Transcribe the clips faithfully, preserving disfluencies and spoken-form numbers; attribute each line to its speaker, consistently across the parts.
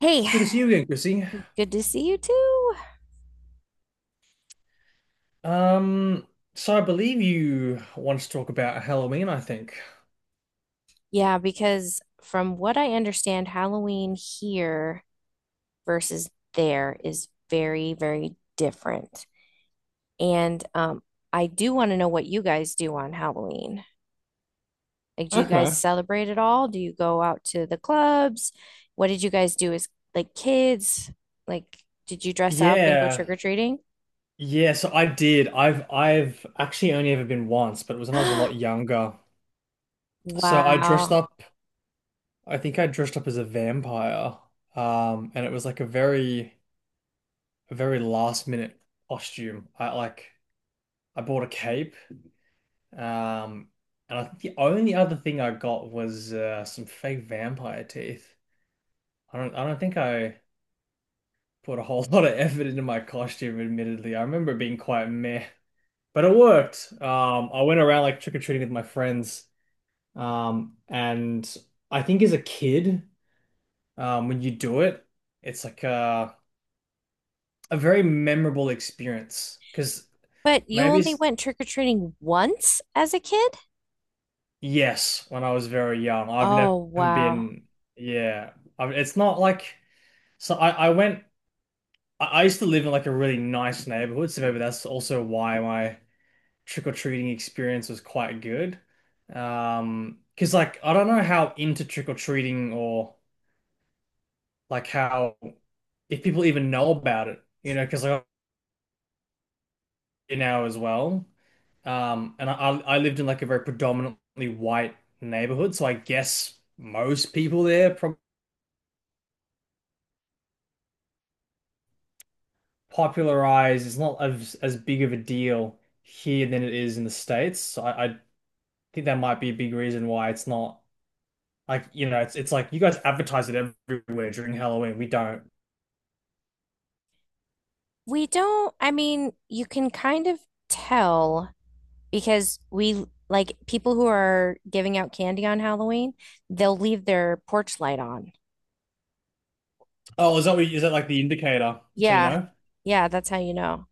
Speaker 1: Hey,
Speaker 2: It's good to see you again, Chrissy.
Speaker 1: good to see you too.
Speaker 2: Um, so I believe you want to talk about Halloween, I think.
Speaker 1: Yeah, because from what I understand, Halloween here versus there is very, very different. And um, I do want to know what you guys do on Halloween. Like, do you guys
Speaker 2: Okay.
Speaker 1: celebrate at all? Do you go out to the clubs? What did you guys do as like kids? Like, did you dress up and go
Speaker 2: Yeah.
Speaker 1: trick-or-treating?
Speaker 2: Yeah, so I did. I've I've actually only ever been once, but it was when I was a lot younger. So I dressed
Speaker 1: Wow.
Speaker 2: up, I think I dressed up as a vampire. Um, and it was like a very a very last minute costume. I like I bought a cape. Um, and I think the only other thing I got was uh, some fake vampire teeth. I don't I don't think I put a whole lot of effort into my costume, admittedly. I remember being quite meh, but it worked. Um, I went around like trick-or-treating with my friends. Um, and I think as a kid, um, when you do it, it's like a, a very memorable experience. Because
Speaker 1: But you
Speaker 2: maybe
Speaker 1: only
Speaker 2: it's,
Speaker 1: went trick-or-treating once as a kid?
Speaker 2: yes, when I was very young, I've never
Speaker 1: Oh, wow.
Speaker 2: been, yeah, I, it's not like, so I, I went, I I used to live in like a really nice neighborhood, so maybe that's also why my trick-or-treating experience was quite good. Um, because like I don't know how into trick-or-treating or like how if people even know about it, you know, because like I'm now as well. Um, and I I lived in like a very predominantly white neighborhood, so I guess most people there pro popularized. It's not as as big of a deal here than it is in the States. So I, I think that might be a big reason why it's not. Like, you know, it's it's like you guys advertise it everywhere during Halloween. We don't.
Speaker 1: We don't, I mean, you can kind of tell because we like people who are giving out candy on Halloween, they'll leave their porch light on.
Speaker 2: Oh, is that what, is that like the indicator? So you
Speaker 1: Yeah.
Speaker 2: know?
Speaker 1: Yeah, that's how you know.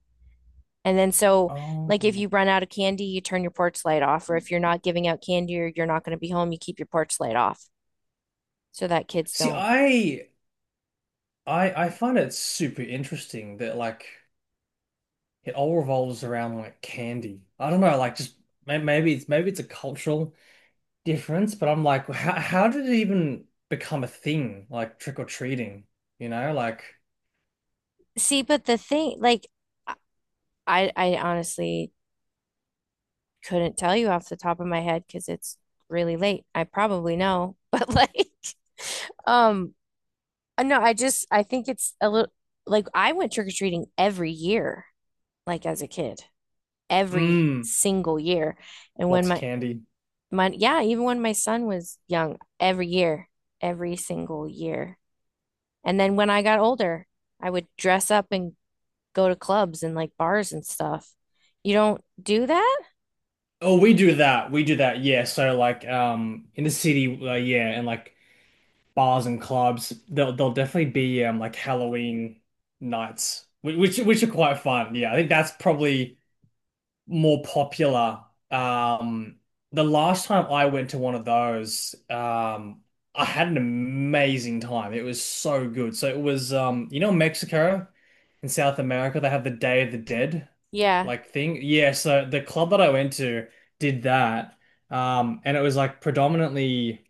Speaker 1: And then so
Speaker 2: Oh.
Speaker 1: like if you run out of candy, you turn your porch light off, or if you're not giving out candy or you're not going to be home, you keep your porch light off so that kids
Speaker 2: See,
Speaker 1: don't.
Speaker 2: I I I find it super interesting that like it all revolves around like candy. I don't know, like just may- maybe it's maybe it's a cultural difference, but I'm like, how how did it even become a thing? Like trick or treating, you know? Like,
Speaker 1: See, but the thing like I I honestly couldn't tell you off the top of my head because it's really late. I probably know, but like, um, uh, no, I just I think it's a little like I went trick-or-treating every year, like as a kid, every
Speaker 2: mm,
Speaker 1: single year. And when
Speaker 2: lots of
Speaker 1: my
Speaker 2: candy.
Speaker 1: my yeah, even when my son was young, every year, every single year. And then when I got older, I would dress up and go to clubs and like bars and stuff. You don't do that?
Speaker 2: Oh, we do that. We do that. Yeah. So like um in the city, uh, yeah, and like bars and clubs, there'll there'll definitely be um like Halloween nights, whi- which which are quite fun. Yeah, I think that's probably more popular. Um, the last time I went to one of those, um, I had an amazing time. It was so good. So it was um, you know, Mexico in South America, they have the Day of the Dead
Speaker 1: Yeah.
Speaker 2: like thing. Yeah, so the club that I went to did that. Um, and it was like predominantly,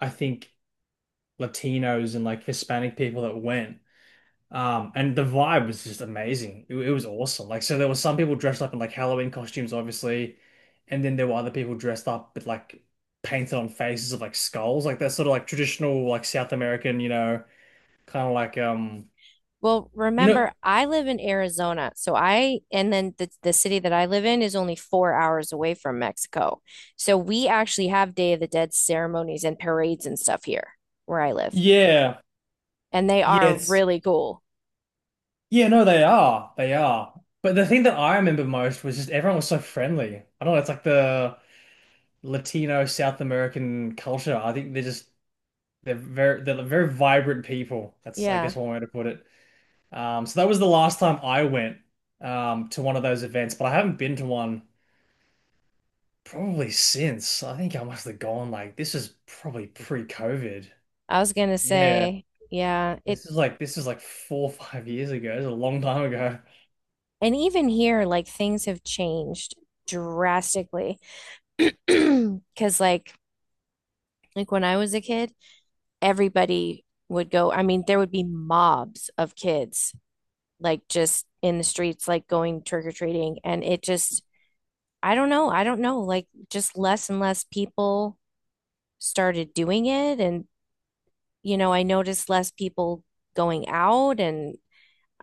Speaker 2: I think, Latinos and like Hispanic people that went. Um, and the vibe was just amazing. It, it was awesome. Like, so there were some people dressed up in like Halloween costumes, obviously, and then there were other people dressed up with like painted on faces of like skulls, like that sort of like traditional like South American, you know, kind of like um,
Speaker 1: Well,
Speaker 2: you know,
Speaker 1: remember, I live in Arizona, so I and then the the city that I live in is only four hours away from Mexico. So we actually have Day of the Dead ceremonies and parades and stuff here where I live,
Speaker 2: yeah,
Speaker 1: and they
Speaker 2: yeah,
Speaker 1: are
Speaker 2: it's
Speaker 1: really cool.
Speaker 2: yeah, no, they are, they are. But the thing that I remember most was just everyone was so friendly. I don't know, it's like the Latino South American culture. I think they're just They're very they're very vibrant people. That's I
Speaker 1: Yeah,
Speaker 2: guess one way to put it. Um, so that was the last time I went um, to one of those events, but I haven't been to one probably since. I think I must have gone like this is probably pre-COVID.
Speaker 1: I was gonna
Speaker 2: Yeah,
Speaker 1: say, yeah, it
Speaker 2: this is like this is like four or five years ago. It's a long time ago.
Speaker 1: and even here, like things have changed drastically because like like when I was a kid, everybody would go, I mean, there would be mobs of kids like just in the streets, like going trick or treating. And it just, I don't know. I don't know. Like just less and less people started doing it. And, you know, I noticed less people going out and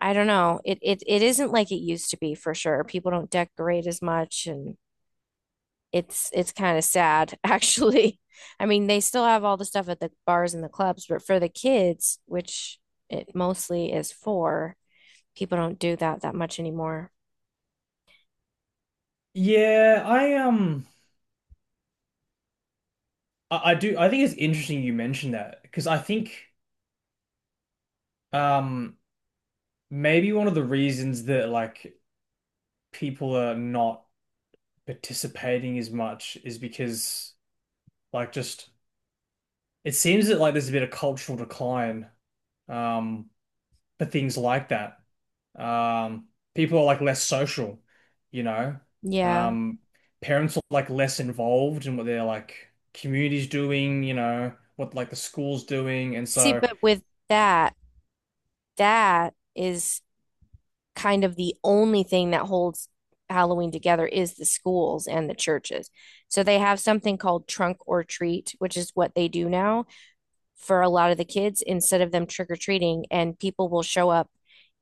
Speaker 1: I don't know. It it it isn't like it used to be for sure. People don't decorate as much and it's it's kind of sad actually. I mean, they still have all the stuff at the bars and the clubs, but for the kids, which it mostly is for, people don't do that that much anymore.
Speaker 2: Yeah, I um I, I do I think it's interesting you mentioned that because I think um maybe one of the reasons that like people are not participating as much is because like just it seems that like there's a bit of cultural decline um for things like that. Um People are like less social, you know.
Speaker 1: Yeah.
Speaker 2: Um Parents are like less involved in what their like community's doing, you know, what like the school's doing and
Speaker 1: See,
Speaker 2: so
Speaker 1: but with that, that is kind of the only thing that holds Halloween together is the schools and the churches. So they have something called trunk or treat, which is what they do now for a lot of the kids instead of them trick or treating, and people will show up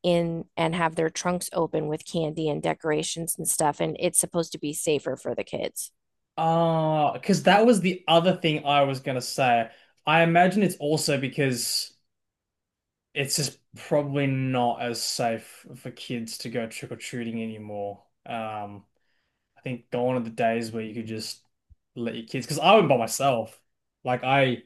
Speaker 1: in and have their trunks open with candy and decorations and stuff, and it's supposed to be safer for the kids.
Speaker 2: ah, because that was the other thing I was gonna say. I imagine it's also because it's just probably not as safe for kids to go trick or treating anymore. Um, I think gone are the days where you could just let your kids, because I went by myself. Like I,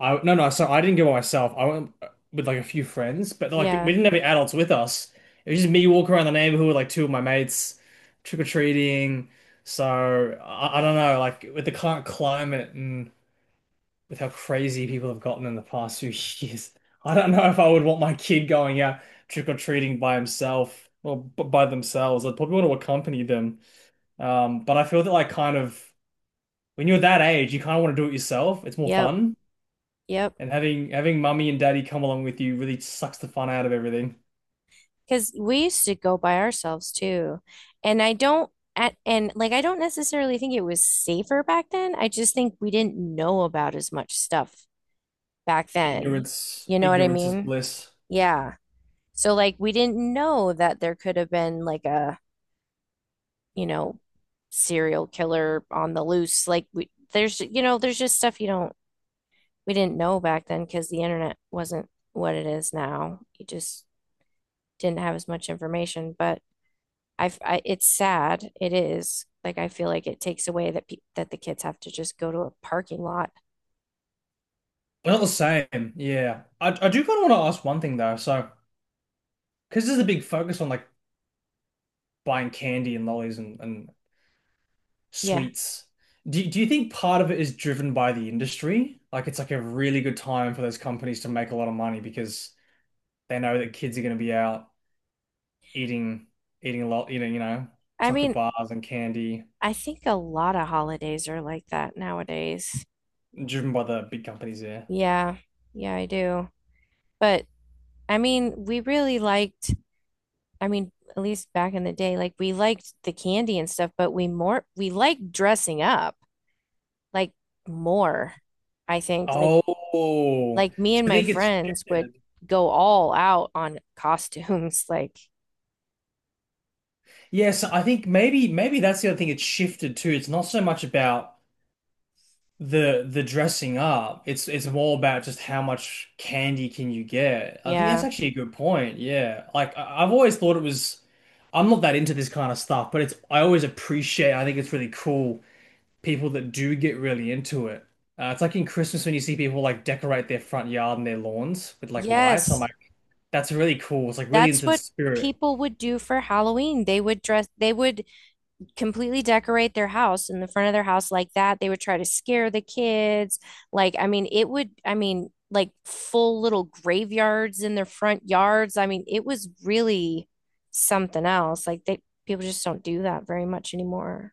Speaker 2: I No no, so I didn't go by myself. I went with like a few friends, but like we
Speaker 1: Yeah.
Speaker 2: didn't have any adults with us. It was just me walking around the neighborhood with like two of my mates, trick or treating. So I, I don't know, like with the current climate and with how crazy people have gotten in the past few years. I don't know if I would want my kid going out trick or treating by himself or b by themselves. I'd probably want to accompany them. Um, but I feel that like kind of when you're that age, you kind of want to do it yourself. It's more
Speaker 1: Yep.
Speaker 2: fun,
Speaker 1: Yep.
Speaker 2: and having having mummy and daddy come along with you really sucks the fun out of everything.
Speaker 1: Because we used to go by ourselves too. And I don't, at, and like, I don't necessarily think it was safer back then. I just think we didn't know about as much stuff back then.
Speaker 2: Ignorance,
Speaker 1: You know what I
Speaker 2: ignorance is
Speaker 1: mean?
Speaker 2: bliss.
Speaker 1: Yeah. So, like, we didn't know that there could have been like a, you know, serial killer on the loose. Like, we, there's, you know, there's just stuff you don't, we didn't know back then because the internet wasn't what it is now. You just didn't have as much information. But, I've, I, it's sad. It is. Like I feel like it takes away that pe that the kids have to just go to a parking lot.
Speaker 2: But not the same. Yeah, I I do kind of want to ask one thing though. So, because there's a big focus on like buying candy and lollies and and
Speaker 1: Yeah.
Speaker 2: sweets. Do, do you think part of it is driven by the industry? Like it's like a really good time for those companies to make a lot of money because they know that kids are going to be out eating eating a lot, eating, you know,
Speaker 1: I
Speaker 2: chocolate
Speaker 1: mean,
Speaker 2: bars and candy,
Speaker 1: I think a lot of holidays are like that nowadays.
Speaker 2: driven by the big companies there.
Speaker 1: Yeah. Yeah, I do. But I mean, we really liked, I mean, at least back in the day, like we liked the candy and stuff, but we more we liked dressing up like more, I think. Like
Speaker 2: Oh,
Speaker 1: like me
Speaker 2: so
Speaker 1: and
Speaker 2: I
Speaker 1: my
Speaker 2: think it's
Speaker 1: friends would
Speaker 2: shifted.
Speaker 1: go all out on costumes. Like,
Speaker 2: Yes, I think maybe maybe that's the other thing. It's shifted too. It's not so much about the the dressing up. It's it's more about just how much candy can you get. I think that's
Speaker 1: yeah.
Speaker 2: actually a good point. Yeah. Like I, I've always thought it was I'm not that into this kind of stuff, but it's I always appreciate I think it's really cool people that do get really into it. Uh, it's like in Christmas when you see people like decorate their front yard and their lawns with like lights. I'm
Speaker 1: Yes,
Speaker 2: like, that's really cool. It's like really
Speaker 1: that's
Speaker 2: into the
Speaker 1: what
Speaker 2: spirit.
Speaker 1: people would do for Halloween. They would dress, they would completely decorate their house in the front of their house like that. They would try to scare the kids. Like, I mean, it would, I mean, like full little graveyards in their front yards. I mean, it was really something else. Like, they people just don't do that very much anymore.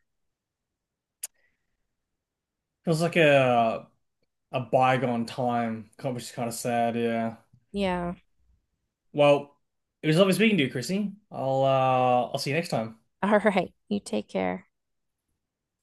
Speaker 2: It was like a a bygone time, which is kind of sad, yeah.
Speaker 1: Yeah.
Speaker 2: Well, it was lovely speaking to you, Chrissy. I'll uh I'll see you next time.
Speaker 1: All right. You take care.